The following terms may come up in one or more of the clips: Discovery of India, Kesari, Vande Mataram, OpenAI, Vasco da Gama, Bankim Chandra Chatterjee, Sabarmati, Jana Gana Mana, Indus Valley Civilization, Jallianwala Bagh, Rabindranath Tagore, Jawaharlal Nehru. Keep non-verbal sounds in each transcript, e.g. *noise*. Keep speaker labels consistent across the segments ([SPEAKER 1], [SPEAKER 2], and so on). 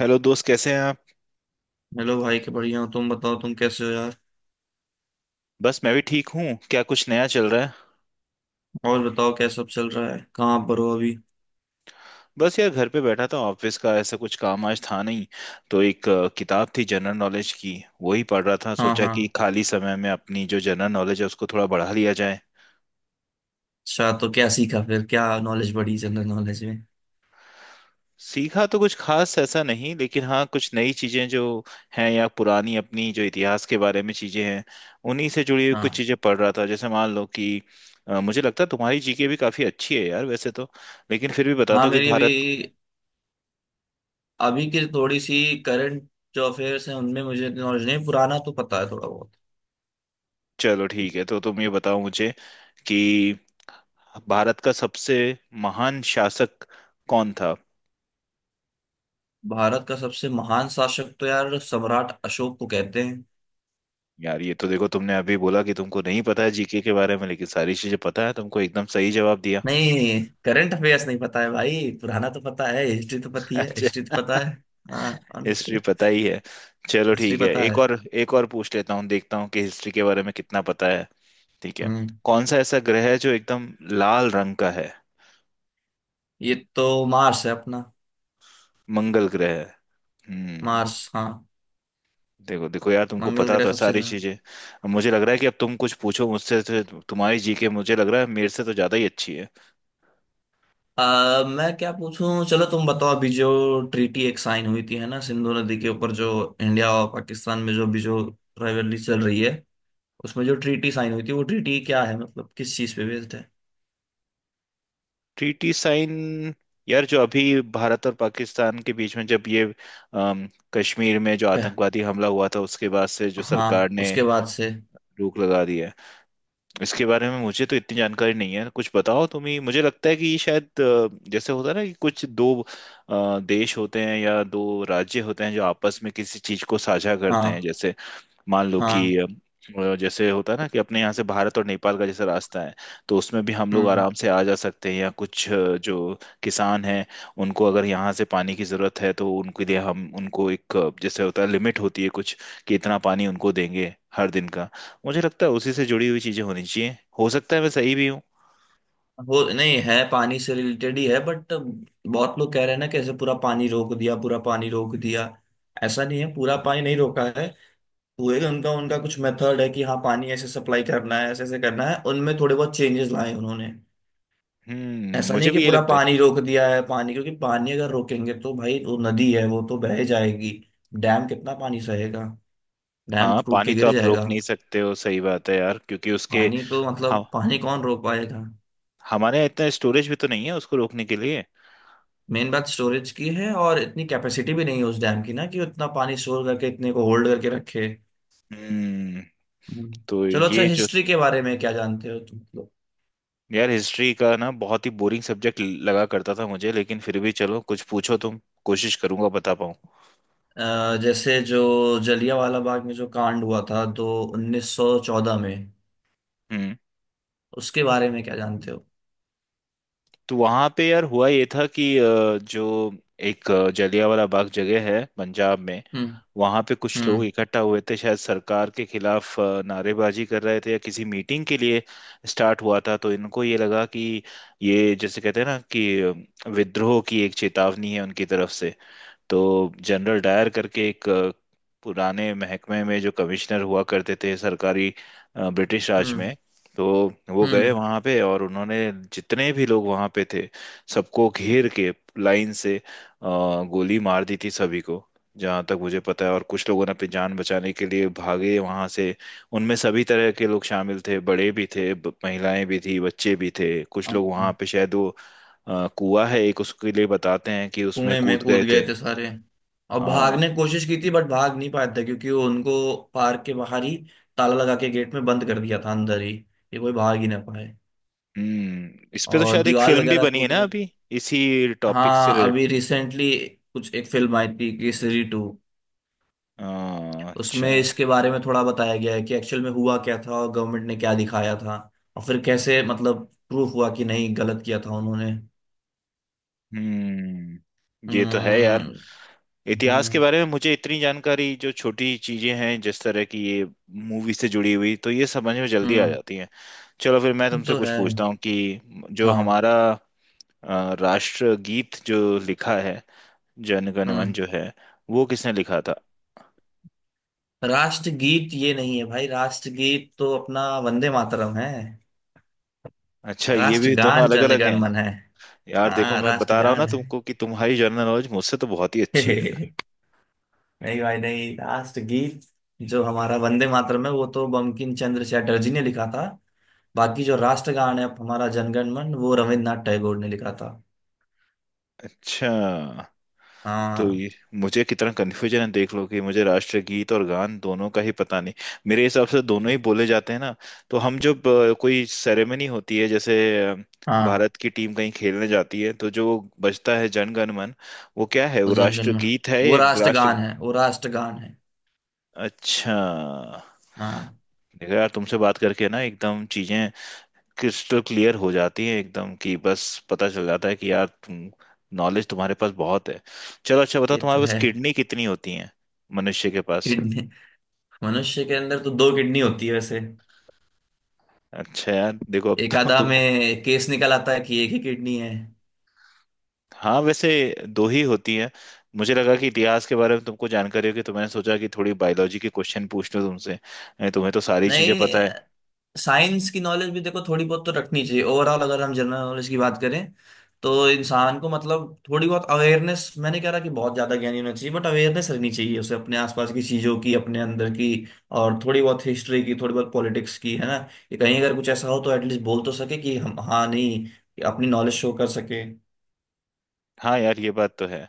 [SPEAKER 1] Hello दोस्त, कैसे हैं आप?
[SPEAKER 2] हेलो भाई के बढ़िया हो तुम बताओ तुम कैसे हो यार।
[SPEAKER 1] बस मैं भी ठीक हूँ। क्या कुछ नया चल रहा है?
[SPEAKER 2] और बताओ क्या सब चल रहा है, कहाँ पर हो अभी।
[SPEAKER 1] बस यार, घर पे बैठा था। ऑफिस का ऐसा कुछ काम आज था नहीं, तो एक किताब थी जनरल नॉलेज की। वही पढ़ रहा था।
[SPEAKER 2] हाँ
[SPEAKER 1] सोचा कि
[SPEAKER 2] हाँ।
[SPEAKER 1] खाली समय में अपनी जो जनरल नॉलेज है, उसको थोड़ा बढ़ा लिया जाए।
[SPEAKER 2] अच्छा, तो क्या सीखा फिर, क्या नॉलेज बढ़ी जनरल नॉलेज में।
[SPEAKER 1] सीखा तो कुछ खास ऐसा नहीं, लेकिन हाँ कुछ नई चीजें जो हैं या पुरानी अपनी जो इतिहास के बारे में चीजें हैं, उन्हीं से जुड़ी हुई कुछ
[SPEAKER 2] हाँ।
[SPEAKER 1] चीजें पढ़ रहा था। जैसे मान लो कि मुझे लगता है तुम्हारी जीके भी काफी अच्छी है यार वैसे तो, लेकिन फिर भी बता
[SPEAKER 2] हाँ,
[SPEAKER 1] दो कि
[SPEAKER 2] मेरी
[SPEAKER 1] भारत।
[SPEAKER 2] अभी अभी की थोड़ी सी करंट जो अफेयर्स हैं उनमें मुझे नॉलेज नहीं, पुराना तो पता है थोड़ा बहुत।
[SPEAKER 1] चलो ठीक है, तो तुम ये बताओ मुझे कि भारत का सबसे महान शासक कौन था?
[SPEAKER 2] भारत का सबसे महान शासक तो यार सम्राट अशोक को कहते हैं।
[SPEAKER 1] यार, ये तो देखो तुमने अभी बोला कि तुमको नहीं पता है जीके के बारे में, लेकिन सारी चीजें पता है तुमको। एकदम सही जवाब दिया।
[SPEAKER 2] नहीं, करंट अफेयर्स नहीं पता है भाई, पुराना तो पता है, हिस्ट्री तो
[SPEAKER 1] *laughs*
[SPEAKER 2] पता ही है,
[SPEAKER 1] अच्छा।
[SPEAKER 2] हिस्ट्री तो पता है। हाँ।
[SPEAKER 1] हिस्ट्री पता ही है। चलो
[SPEAKER 2] हिस्ट्री
[SPEAKER 1] ठीक है,
[SPEAKER 2] पता
[SPEAKER 1] एक
[SPEAKER 2] है।
[SPEAKER 1] और एक और पूछ लेता हूँ। देखता हूँ कि हिस्ट्री के बारे में कितना पता है। ठीक है।
[SPEAKER 2] हम्म।
[SPEAKER 1] कौन सा ऐसा ग्रह है जो एकदम लाल रंग का है?
[SPEAKER 2] ये तो मार्स है अपना।
[SPEAKER 1] मंगल ग्रह। हम्म।
[SPEAKER 2] मार्स, हाँ।
[SPEAKER 1] देखो देखो यार, तुमको
[SPEAKER 2] मंगल
[SPEAKER 1] पता
[SPEAKER 2] ग्रह
[SPEAKER 1] तो है
[SPEAKER 2] सबसे
[SPEAKER 1] सारी
[SPEAKER 2] गर्म।
[SPEAKER 1] चीजें। अब मुझे लग रहा है कि अब तुम कुछ पूछो मुझसे, तो तुम्हारी जीके मुझे लग रहा है मेरे से तो ज्यादा ही अच्छी है।
[SPEAKER 2] मैं क्या पूछूं, चलो तुम बताओ अभी जो ट्रीटी एक साइन हुई थी है ना सिंधु नदी के ऊपर, जो इंडिया और पाकिस्तान में जो अभी जो राइवलरी चल रही है, उसमें जो ट्रीटी साइन हुई थी, वो ट्रीटी क्या है, मतलब किस चीज पे बेस्ड है।
[SPEAKER 1] Treaty sign. यार, जो अभी भारत और पाकिस्तान के बीच में जब ये अम, कश्मीर में जो
[SPEAKER 2] पह-
[SPEAKER 1] आतंकवादी हमला हुआ था, उसके बाद से जो सरकार
[SPEAKER 2] हाँ,
[SPEAKER 1] ने
[SPEAKER 2] उसके बाद से।
[SPEAKER 1] रोक लगा दी है। इसके बारे में मुझे तो इतनी जानकारी नहीं है, कुछ बताओ तुम ही। मुझे लगता है कि ये शायद जैसे होता है ना कि कुछ दो देश होते हैं या दो राज्य होते हैं, जो आपस में किसी चीज को साझा करते हैं।
[SPEAKER 2] हाँ।
[SPEAKER 1] जैसे मान लो कि
[SPEAKER 2] हाँ।
[SPEAKER 1] जैसे होता है ना कि अपने यहाँ से भारत और नेपाल का जैसे रास्ता है। तो उसमें भी हम लोग
[SPEAKER 2] हम्म।
[SPEAKER 1] आराम से आ जा सकते हैं, या कुछ जो किसान हैं, उनको अगर यहाँ से पानी की ज़रूरत है, तो उनके लिए हम उनको एक जैसे होता है लिमिट होती है कुछ, कि इतना पानी उनको देंगे हर दिन का। मुझे लगता है उसी से जुड़ी हुई चीज़ें होनी चाहिए। हो सकता है मैं सही भी हूँ।
[SPEAKER 2] वो नहीं है, पानी से रिलेटेड ही है बट बहुत लोग कह रहे हैं ना कैसे पूरा पानी रोक दिया, पूरा पानी रोक दिया। ऐसा नहीं है, पूरा पानी नहीं रोका है। हुए कि उनका उनका कुछ मेथड है कि हाँ पानी ऐसे सप्लाई करना है, ऐसे ऐसे करना है, उनमें थोड़े बहुत चेंजेस लाए उन्होंने। ऐसा
[SPEAKER 1] मुझे
[SPEAKER 2] नहीं कि
[SPEAKER 1] भी ये
[SPEAKER 2] पूरा
[SPEAKER 1] लगता है।
[SPEAKER 2] पानी रोक दिया है, पानी, क्योंकि पानी अगर रोकेंगे तो भाई वो नदी है, वो तो बह जाएगी। डैम कितना पानी सहेगा। डैम
[SPEAKER 1] हाँ,
[SPEAKER 2] टूट
[SPEAKER 1] पानी
[SPEAKER 2] के
[SPEAKER 1] तो
[SPEAKER 2] गिर
[SPEAKER 1] आप रोक
[SPEAKER 2] जाएगा।
[SPEAKER 1] नहीं सकते हो, सही बात है यार, क्योंकि उसके
[SPEAKER 2] पानी तो
[SPEAKER 1] हम
[SPEAKER 2] मतलब पानी कौन रोक पाएगा।
[SPEAKER 1] हमारे यहाँ इतना स्टोरेज भी तो नहीं है उसको रोकने के लिए।
[SPEAKER 2] मेन बात स्टोरेज की है, और इतनी कैपेसिटी भी नहीं है उस डैम की ना कि उतना पानी स्टोर करके, इतने को होल्ड करके रखे।
[SPEAKER 1] हम्म
[SPEAKER 2] हम्म।
[SPEAKER 1] तो
[SPEAKER 2] चलो अच्छा,
[SPEAKER 1] ये जो।
[SPEAKER 2] हिस्ट्री के बारे में क्या जानते हो तुम।
[SPEAKER 1] यार, हिस्ट्री का ना बहुत ही बोरिंग सब्जेक्ट लगा करता था मुझे, लेकिन फिर भी चलो कुछ पूछो तुम। कोशिश करूंगा बता पाऊं।
[SPEAKER 2] जैसे जो जलियांवाला बाग में जो कांड हुआ था तो 1914 में,
[SPEAKER 1] हम्म
[SPEAKER 2] उसके बारे में क्या जानते हो।
[SPEAKER 1] तो वहां पे यार हुआ ये था कि जो एक जलियांवाला बाग जगह है पंजाब में।
[SPEAKER 2] हम्म
[SPEAKER 1] वहां पे कुछ लोग
[SPEAKER 2] हम्म
[SPEAKER 1] इकट्ठा हुए थे, शायद सरकार के खिलाफ नारेबाजी कर रहे थे या किसी मीटिंग के लिए। स्टार्ट हुआ था, तो इनको ये लगा कि ये जैसे कहते हैं ना कि विद्रोह की एक चेतावनी है उनकी तरफ से। तो जनरल डायर करके एक पुराने महकमे में जो कमिश्नर हुआ करते थे सरकारी, ब्रिटिश राज
[SPEAKER 2] हम्म
[SPEAKER 1] में। तो वो गए
[SPEAKER 2] हम्म।
[SPEAKER 1] वहाँ पे और उन्होंने, जितने भी लोग वहाँ पे थे, सबको घेर के लाइन से गोली मार दी थी सभी को, जहाँ तक मुझे पता है। और कुछ लोगों ने अपनी जान बचाने के लिए भागे वहाँ से। उनमें सभी तरह के लोग शामिल थे, बड़े भी थे, महिलाएं भी थी, बच्चे भी थे। कुछ
[SPEAKER 2] हाँ।
[SPEAKER 1] लोग वहाँ पे शायद वो कुआं है एक, उसके लिए बताते हैं कि उसमें
[SPEAKER 2] कुएं
[SPEAKER 1] कूद
[SPEAKER 2] में कूद
[SPEAKER 1] गए
[SPEAKER 2] गए
[SPEAKER 1] थे।
[SPEAKER 2] थे सारे। और
[SPEAKER 1] हाँ।
[SPEAKER 2] भागने की कोशिश की थी बट भाग नहीं पाए थे, क्योंकि वो उनको पार्क के बाहर ही ताला लगा के गेट में बंद कर दिया था, अंदर ही। ये कोई भाग ही ना पाए।
[SPEAKER 1] इस पे तो
[SPEAKER 2] और
[SPEAKER 1] शायद एक
[SPEAKER 2] दीवार
[SPEAKER 1] फिल्म भी
[SPEAKER 2] वगैरह
[SPEAKER 1] बनी है
[SPEAKER 2] कूद
[SPEAKER 1] ना
[SPEAKER 2] रहे।
[SPEAKER 1] अभी, इसी टॉपिक से
[SPEAKER 2] हाँ, अभी
[SPEAKER 1] रिलेटेड।
[SPEAKER 2] रिसेंटली कुछ एक फिल्म आई थी, केसरी टू।
[SPEAKER 1] हाँ, अच्छा।
[SPEAKER 2] उसमें इसके बारे में थोड़ा बताया गया है कि एक्चुअल में हुआ क्या था और गवर्नमेंट ने क्या दिखाया था। और फिर कैसे मतलब प्रूफ हुआ कि नहीं, गलत किया था उन्होंने।
[SPEAKER 1] हम्म ये तो है यार।
[SPEAKER 2] हम्म।
[SPEAKER 1] इतिहास के
[SPEAKER 2] हम्म।
[SPEAKER 1] बारे में मुझे इतनी जानकारी, जो छोटी चीजें हैं जिस तरह की ये मूवी से जुड़ी हुई, तो ये समझ में जल्दी आ
[SPEAKER 2] हम्म,
[SPEAKER 1] जाती है। चलो, फिर मैं
[SPEAKER 2] ये
[SPEAKER 1] तुमसे
[SPEAKER 2] तो
[SPEAKER 1] कुछ
[SPEAKER 2] है।
[SPEAKER 1] पूछता हूँ कि जो
[SPEAKER 2] हाँ।
[SPEAKER 1] हमारा राष्ट्रगीत जो लिखा है, जन गण मन
[SPEAKER 2] हम्म।
[SPEAKER 1] जो है, वो किसने लिखा था?
[SPEAKER 2] राष्ट्रगीत ये नहीं है भाई, राष्ट्रगीत तो अपना वंदे मातरम है।
[SPEAKER 1] अच्छा, ये भी दोनों
[SPEAKER 2] राष्ट्रगान
[SPEAKER 1] अलग अलग
[SPEAKER 2] जनगण
[SPEAKER 1] हैं।
[SPEAKER 2] मन है।
[SPEAKER 1] यार देखो,
[SPEAKER 2] हाँ,
[SPEAKER 1] मैं बता रहा हूँ ना
[SPEAKER 2] राष्ट्रगान
[SPEAKER 1] तुमको कि तुम्हारी जनरल नॉलेज मुझसे तो बहुत ही अच्छी है।
[SPEAKER 2] है। *laughs* नहीं भाई, नहीं, लास्ट गीत जो हमारा वंदे मातरम है वो तो बंकिम चंद्र चटर्जी ने लिखा था। बाकी जो राष्ट्रगान है हमारा जनगण मन, वो रविन्द्रनाथ टैगोर ने लिखा था।
[SPEAKER 1] अच्छा, तो
[SPEAKER 2] हाँ।
[SPEAKER 1] ये, मुझे कितना कन्फ्यूजन है देख लो कि मुझे राष्ट्रगीत और गान दोनों का ही पता नहीं। मेरे हिसाब से दोनों ही बोले जाते हैं ना? तो हम जब कोई सेरेमनी होती है, जैसे अ,
[SPEAKER 2] हाँ।
[SPEAKER 1] भारत की टीम कहीं खेलने जाती है, तो जो बजता है जन गण मन, वो क्या है?
[SPEAKER 2] वो
[SPEAKER 1] वो
[SPEAKER 2] जनगण मन।
[SPEAKER 1] राष्ट्रगीत है
[SPEAKER 2] वो
[SPEAKER 1] या?
[SPEAKER 2] राष्ट्रगान
[SPEAKER 1] राष्ट्र
[SPEAKER 2] है, वो राष्ट्रगान है।
[SPEAKER 1] अच्छा।
[SPEAKER 2] हाँ।
[SPEAKER 1] देखो यार, तुमसे बात करके ना एकदम चीजें क्रिस्टल क्लियर हो जाती है एकदम। कि बस पता चल जाता है कि यार तुम, नॉलेज तुम्हारे पास बहुत है। चलो, अच्छा बताओ,
[SPEAKER 2] ये तो
[SPEAKER 1] तुम्हारे पास
[SPEAKER 2] है।
[SPEAKER 1] किडनी कितनी होती हैं, मनुष्य के पास?
[SPEAKER 2] किडनी। मनुष्य के अंदर तो दो किडनी होती है वैसे।
[SPEAKER 1] अच्छा यार देखो, अब
[SPEAKER 2] एक
[SPEAKER 1] तो
[SPEAKER 2] आधा
[SPEAKER 1] तुम।
[SPEAKER 2] में केस निकल आता है कि एक ही किडनी है।
[SPEAKER 1] हाँ वैसे, दो ही होती हैं। मुझे लगा कि इतिहास के बारे में तुमको जानकारी होगी, तो मैंने सोचा कि थोड़ी बायोलॉजी के क्वेश्चन पूछ लूं तुमसे। नहीं, तुम्हें तो सारी चीजें
[SPEAKER 2] नहीं,
[SPEAKER 1] पता है।
[SPEAKER 2] साइंस की नॉलेज भी देखो थोड़ी बहुत तो रखनी चाहिए, ओवरऑल अगर हम जनरल नॉलेज की बात करें। तो इंसान को मतलब थोड़ी बहुत अवेयरनेस, मैं नहीं कह रहा कि बहुत ज्यादा ज्ञानी होना चाहिए बट अवेयरनेस रहनी चाहिए उसे अपने आसपास की चीजों की, अपने अंदर की। और थोड़ी बहुत हिस्ट्री की, थोड़ी बहुत पॉलिटिक्स की, है ना। कि कहीं अगर कुछ ऐसा हो तो एटलीस्ट बोल तो सके कि हम, हाँ नहीं, कि अपनी नॉलेज शो कर सके।
[SPEAKER 1] हाँ यार, ये बात तो है।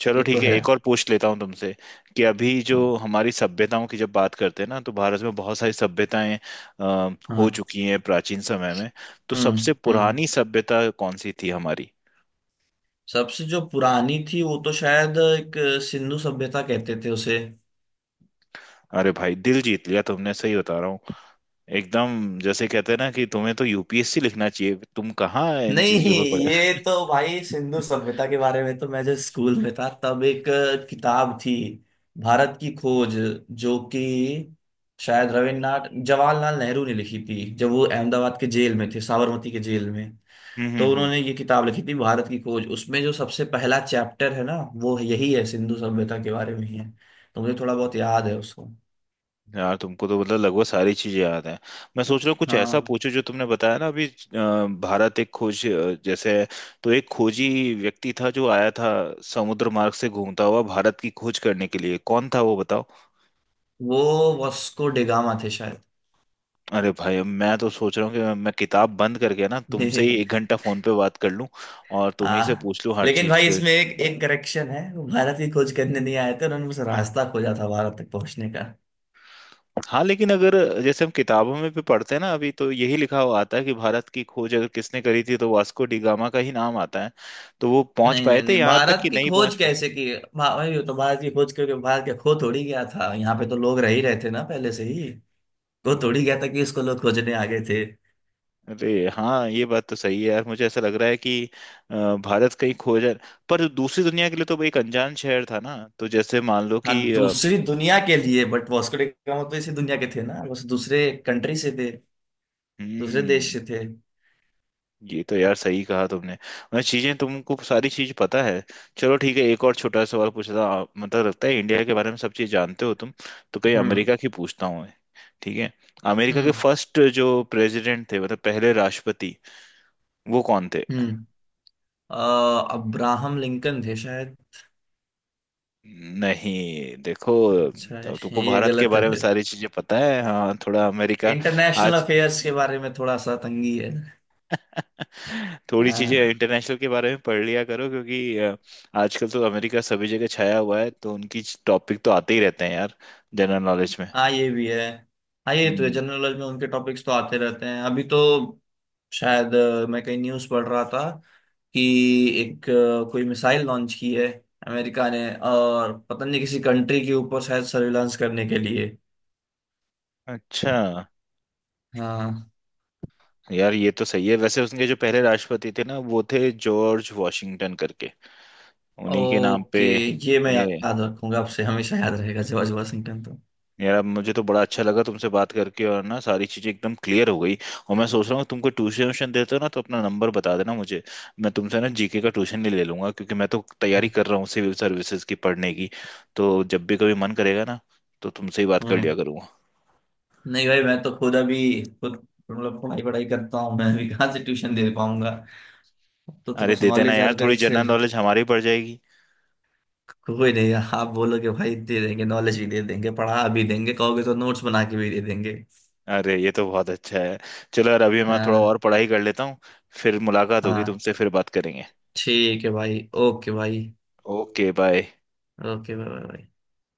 [SPEAKER 1] चलो
[SPEAKER 2] ये तो
[SPEAKER 1] ठीक है,
[SPEAKER 2] है।
[SPEAKER 1] एक और पूछ लेता हूँ तुमसे, कि अभी जो
[SPEAKER 2] हाँ।
[SPEAKER 1] हमारी सभ्यताओं की जब बात करते हैं ना, तो भारत में बहुत सारी सभ्यताएं अ,
[SPEAKER 2] हाँ।
[SPEAKER 1] हो चुकी हैं प्राचीन समय में। तो
[SPEAKER 2] हम्म।
[SPEAKER 1] सबसे
[SPEAKER 2] हम्म।
[SPEAKER 1] पुरानी सभ्यता कौन सी थी हमारी?
[SPEAKER 2] सबसे जो पुरानी थी वो तो शायद एक सिंधु सभ्यता कहते थे उसे।
[SPEAKER 1] अरे भाई, दिल जीत लिया तुमने, सही बता रहा हूँ। एकदम जैसे कहते हैं ना कि तुम्हें तो यूपीएससी लिखना चाहिए, तुम कहाँ इन
[SPEAKER 2] नहीं,
[SPEAKER 1] चीजों में
[SPEAKER 2] ये
[SPEAKER 1] पड़े। *laughs*
[SPEAKER 2] तो भाई सिंधु सभ्यता के बारे में तो मैं जब स्कूल में था, तब एक किताब थी, भारत की खोज। जो कि शायद रविन्द्रनाथ, जवाहरलाल नेहरू ने लिखी थी, जब वो अहमदाबाद के जेल में थे, साबरमती के जेल में।
[SPEAKER 1] हम्म, हम्म,
[SPEAKER 2] तो
[SPEAKER 1] हम्म।
[SPEAKER 2] उन्होंने ये किताब लिखी थी, भारत की खोज, उसमें जो सबसे पहला चैप्टर है ना, वो यही है, सिंधु सभ्यता के बारे में ही है। तो मुझे थोड़ा बहुत याद है उसको।
[SPEAKER 1] यार तुमको तो मतलब लगभग सारी चीजें याद हैं। मैं सोच रहा हूँ कुछ ऐसा
[SPEAKER 2] हाँ,
[SPEAKER 1] पूछो, जो तुमने बताया ना अभी भारत एक खोज, जैसे है। तो एक खोजी व्यक्ति था जो आया था समुद्र मार्ग से घूमता हुआ भारत की खोज करने के लिए, कौन था वो बताओ?
[SPEAKER 2] वो वास्को डी गामा थे शायद।
[SPEAKER 1] अरे भाई, अब मैं तो सोच रहा हूँ कि मैं किताब बंद करके ना तुमसे ही एक
[SPEAKER 2] *laughs*
[SPEAKER 1] घंटा फोन पे बात कर लूँ। और तुम ही से
[SPEAKER 2] हाँ,
[SPEAKER 1] पूछ लूँ हर
[SPEAKER 2] लेकिन
[SPEAKER 1] चीज।
[SPEAKER 2] भाई इसमें एक एक करेक्शन है, वो भारत की खोज करने नहीं आए थे, उन्होंने बस रास्ता खोजा था भारत तक पहुंचने का।
[SPEAKER 1] हाँ, लेकिन अगर, जैसे हम किताबों में भी पढ़ते हैं ना अभी, तो यही लिखा हुआ आता है कि भारत की खोज अगर किसने करी थी तो वास्को डी गामा का ही नाम आता है। तो वो पहुंच
[SPEAKER 2] नहीं
[SPEAKER 1] पाए
[SPEAKER 2] नहीं
[SPEAKER 1] थे
[SPEAKER 2] नहीं,
[SPEAKER 1] यहाँ तक
[SPEAKER 2] भारत
[SPEAKER 1] कि
[SPEAKER 2] की
[SPEAKER 1] नहीं
[SPEAKER 2] खोज
[SPEAKER 1] पहुंच पाए?
[SPEAKER 2] कैसे की, भाई वो तो भारत की खोज करके भारत के खो थोड़ी गया था, यहाँ पे तो लोग रह ही रहे थे ना पहले से ही। खो थोड़ी गया था कि इसको लोग खोजने आ गए थे।
[SPEAKER 1] अरे हाँ, ये बात तो सही है यार। मुझे ऐसा लग रहा है कि अ, भारत कहीं खोज है, पर दूसरी दुनिया के लिए तो वो एक अनजान शहर था ना। तो जैसे मान लो
[SPEAKER 2] हाँ,
[SPEAKER 1] कि
[SPEAKER 2] दूसरी दुनिया के लिए बट वास्को डी गामा तो इसी दुनिया के थे ना, बस दूसरे कंट्री से थे। दूसरे देश
[SPEAKER 1] हम्म
[SPEAKER 2] से थे।
[SPEAKER 1] ये तो यार, सही कहा तुमने, मतलब चीजें तुमको, सारी चीज पता है। चलो ठीक है, एक और छोटा सा सवाल पूछता हूँ। मतलब लगता है इंडिया के बारे में सब चीज जानते हो तुम। तो कहीं
[SPEAKER 2] हम्म
[SPEAKER 1] अमेरिका की पूछता हूँ मैं। ठीक है। अमेरिका के
[SPEAKER 2] हम्म
[SPEAKER 1] फर्स्ट जो प्रेसिडेंट थे, मतलब पहले राष्ट्रपति, वो कौन थे?
[SPEAKER 2] हम्म। अब्राहम लिंकन थे शायद।
[SPEAKER 1] नहीं, देखो। तो
[SPEAKER 2] अच्छा,
[SPEAKER 1] तुमको
[SPEAKER 2] ये
[SPEAKER 1] भारत के
[SPEAKER 2] गलत
[SPEAKER 1] बारे में
[SPEAKER 2] है।
[SPEAKER 1] सारी चीजें पता है, हाँ थोड़ा अमेरिका।
[SPEAKER 2] इंटरनेशनल
[SPEAKER 1] आज
[SPEAKER 2] अफेयर्स के बारे में थोड़ा सा तंगी है।
[SPEAKER 1] थोड़ी चीजें
[SPEAKER 2] हाँ।
[SPEAKER 1] इंटरनेशनल के बारे में पढ़ लिया करो, क्योंकि आजकल तो अमेरिका सभी जगह छाया हुआ है, तो उनकी टॉपिक तो आते ही रहते हैं यार, जनरल नॉलेज में।
[SPEAKER 2] हाँ, ये भी है। हाँ ये तो है,
[SPEAKER 1] हम्म।
[SPEAKER 2] जनरल नॉलेज में उनके टॉपिक्स तो आते रहते हैं अभी तो। शायद मैं कहीं न्यूज़ पढ़ रहा था कि एक कोई मिसाइल लॉन्च की है अमेरिका ने, और पता नहीं किसी कंट्री के ऊपर, शायद सर्विलांस करने के लिए।
[SPEAKER 1] अच्छा
[SPEAKER 2] हाँ।
[SPEAKER 1] यार, ये तो सही है। वैसे उसके जो पहले राष्ट्रपति थे ना, वो थे जॉर्ज वॉशिंगटन करके। उन्हीं के नाम पे।
[SPEAKER 2] ओके, ये मैं
[SPEAKER 1] ये।
[SPEAKER 2] याद रखूंगा, आपसे हमेशा याद रहेगा, जॉर्ज वाशिंगटन तो।
[SPEAKER 1] यार, अब मुझे तो बड़ा अच्छा लगा तुमसे बात करके, और ना सारी चीजें एकदम क्लियर हो गई। और मैं सोच रहा हूँ तुमको, ट्यूशन व्यूशन देते हो ना, तो अपना नंबर बता देना मुझे। मैं तुमसे ना जीके का ट्यूशन ही ले लूंगा, क्योंकि मैं तो तैयारी कर रहा हूँ सिविल सर्विसेज की पढ़ने की। तो जब भी कभी मन करेगा ना, तो तुमसे ही बात कर
[SPEAKER 2] हम्म।
[SPEAKER 1] लिया करूंगा।
[SPEAKER 2] नहीं भाई, मैं तो खुद अभी, खुद मतलब पढ़ाई, पढ़ाई करता हूँ मैं, अभी कहाँ से ट्यूशन दे पाऊंगा। तो
[SPEAKER 1] अरे
[SPEAKER 2] बस
[SPEAKER 1] दे देना
[SPEAKER 2] नॉलेज
[SPEAKER 1] यार,
[SPEAKER 2] हर घर
[SPEAKER 1] थोड़ी
[SPEAKER 2] से।
[SPEAKER 1] जनरल नॉलेज हमारी बढ़ जाएगी।
[SPEAKER 2] कोई नहीं है। आप बोलोगे भाई, दे देंगे, नॉलेज भी दे देंगे, पढ़ा भी देंगे, कहोगे तो नोट्स बना के भी दे देंगे।
[SPEAKER 1] अरे ये तो बहुत अच्छा है। चलो यार, अभी मैं थोड़ा
[SPEAKER 2] हाँ।
[SPEAKER 1] और पढ़ाई कर लेता हूँ। फिर मुलाकात होगी
[SPEAKER 2] हाँ,
[SPEAKER 1] तुमसे, फिर बात करेंगे।
[SPEAKER 2] ठीक है भाई, ओके भाई।
[SPEAKER 1] Okay bye.
[SPEAKER 2] ओके भाई भाई।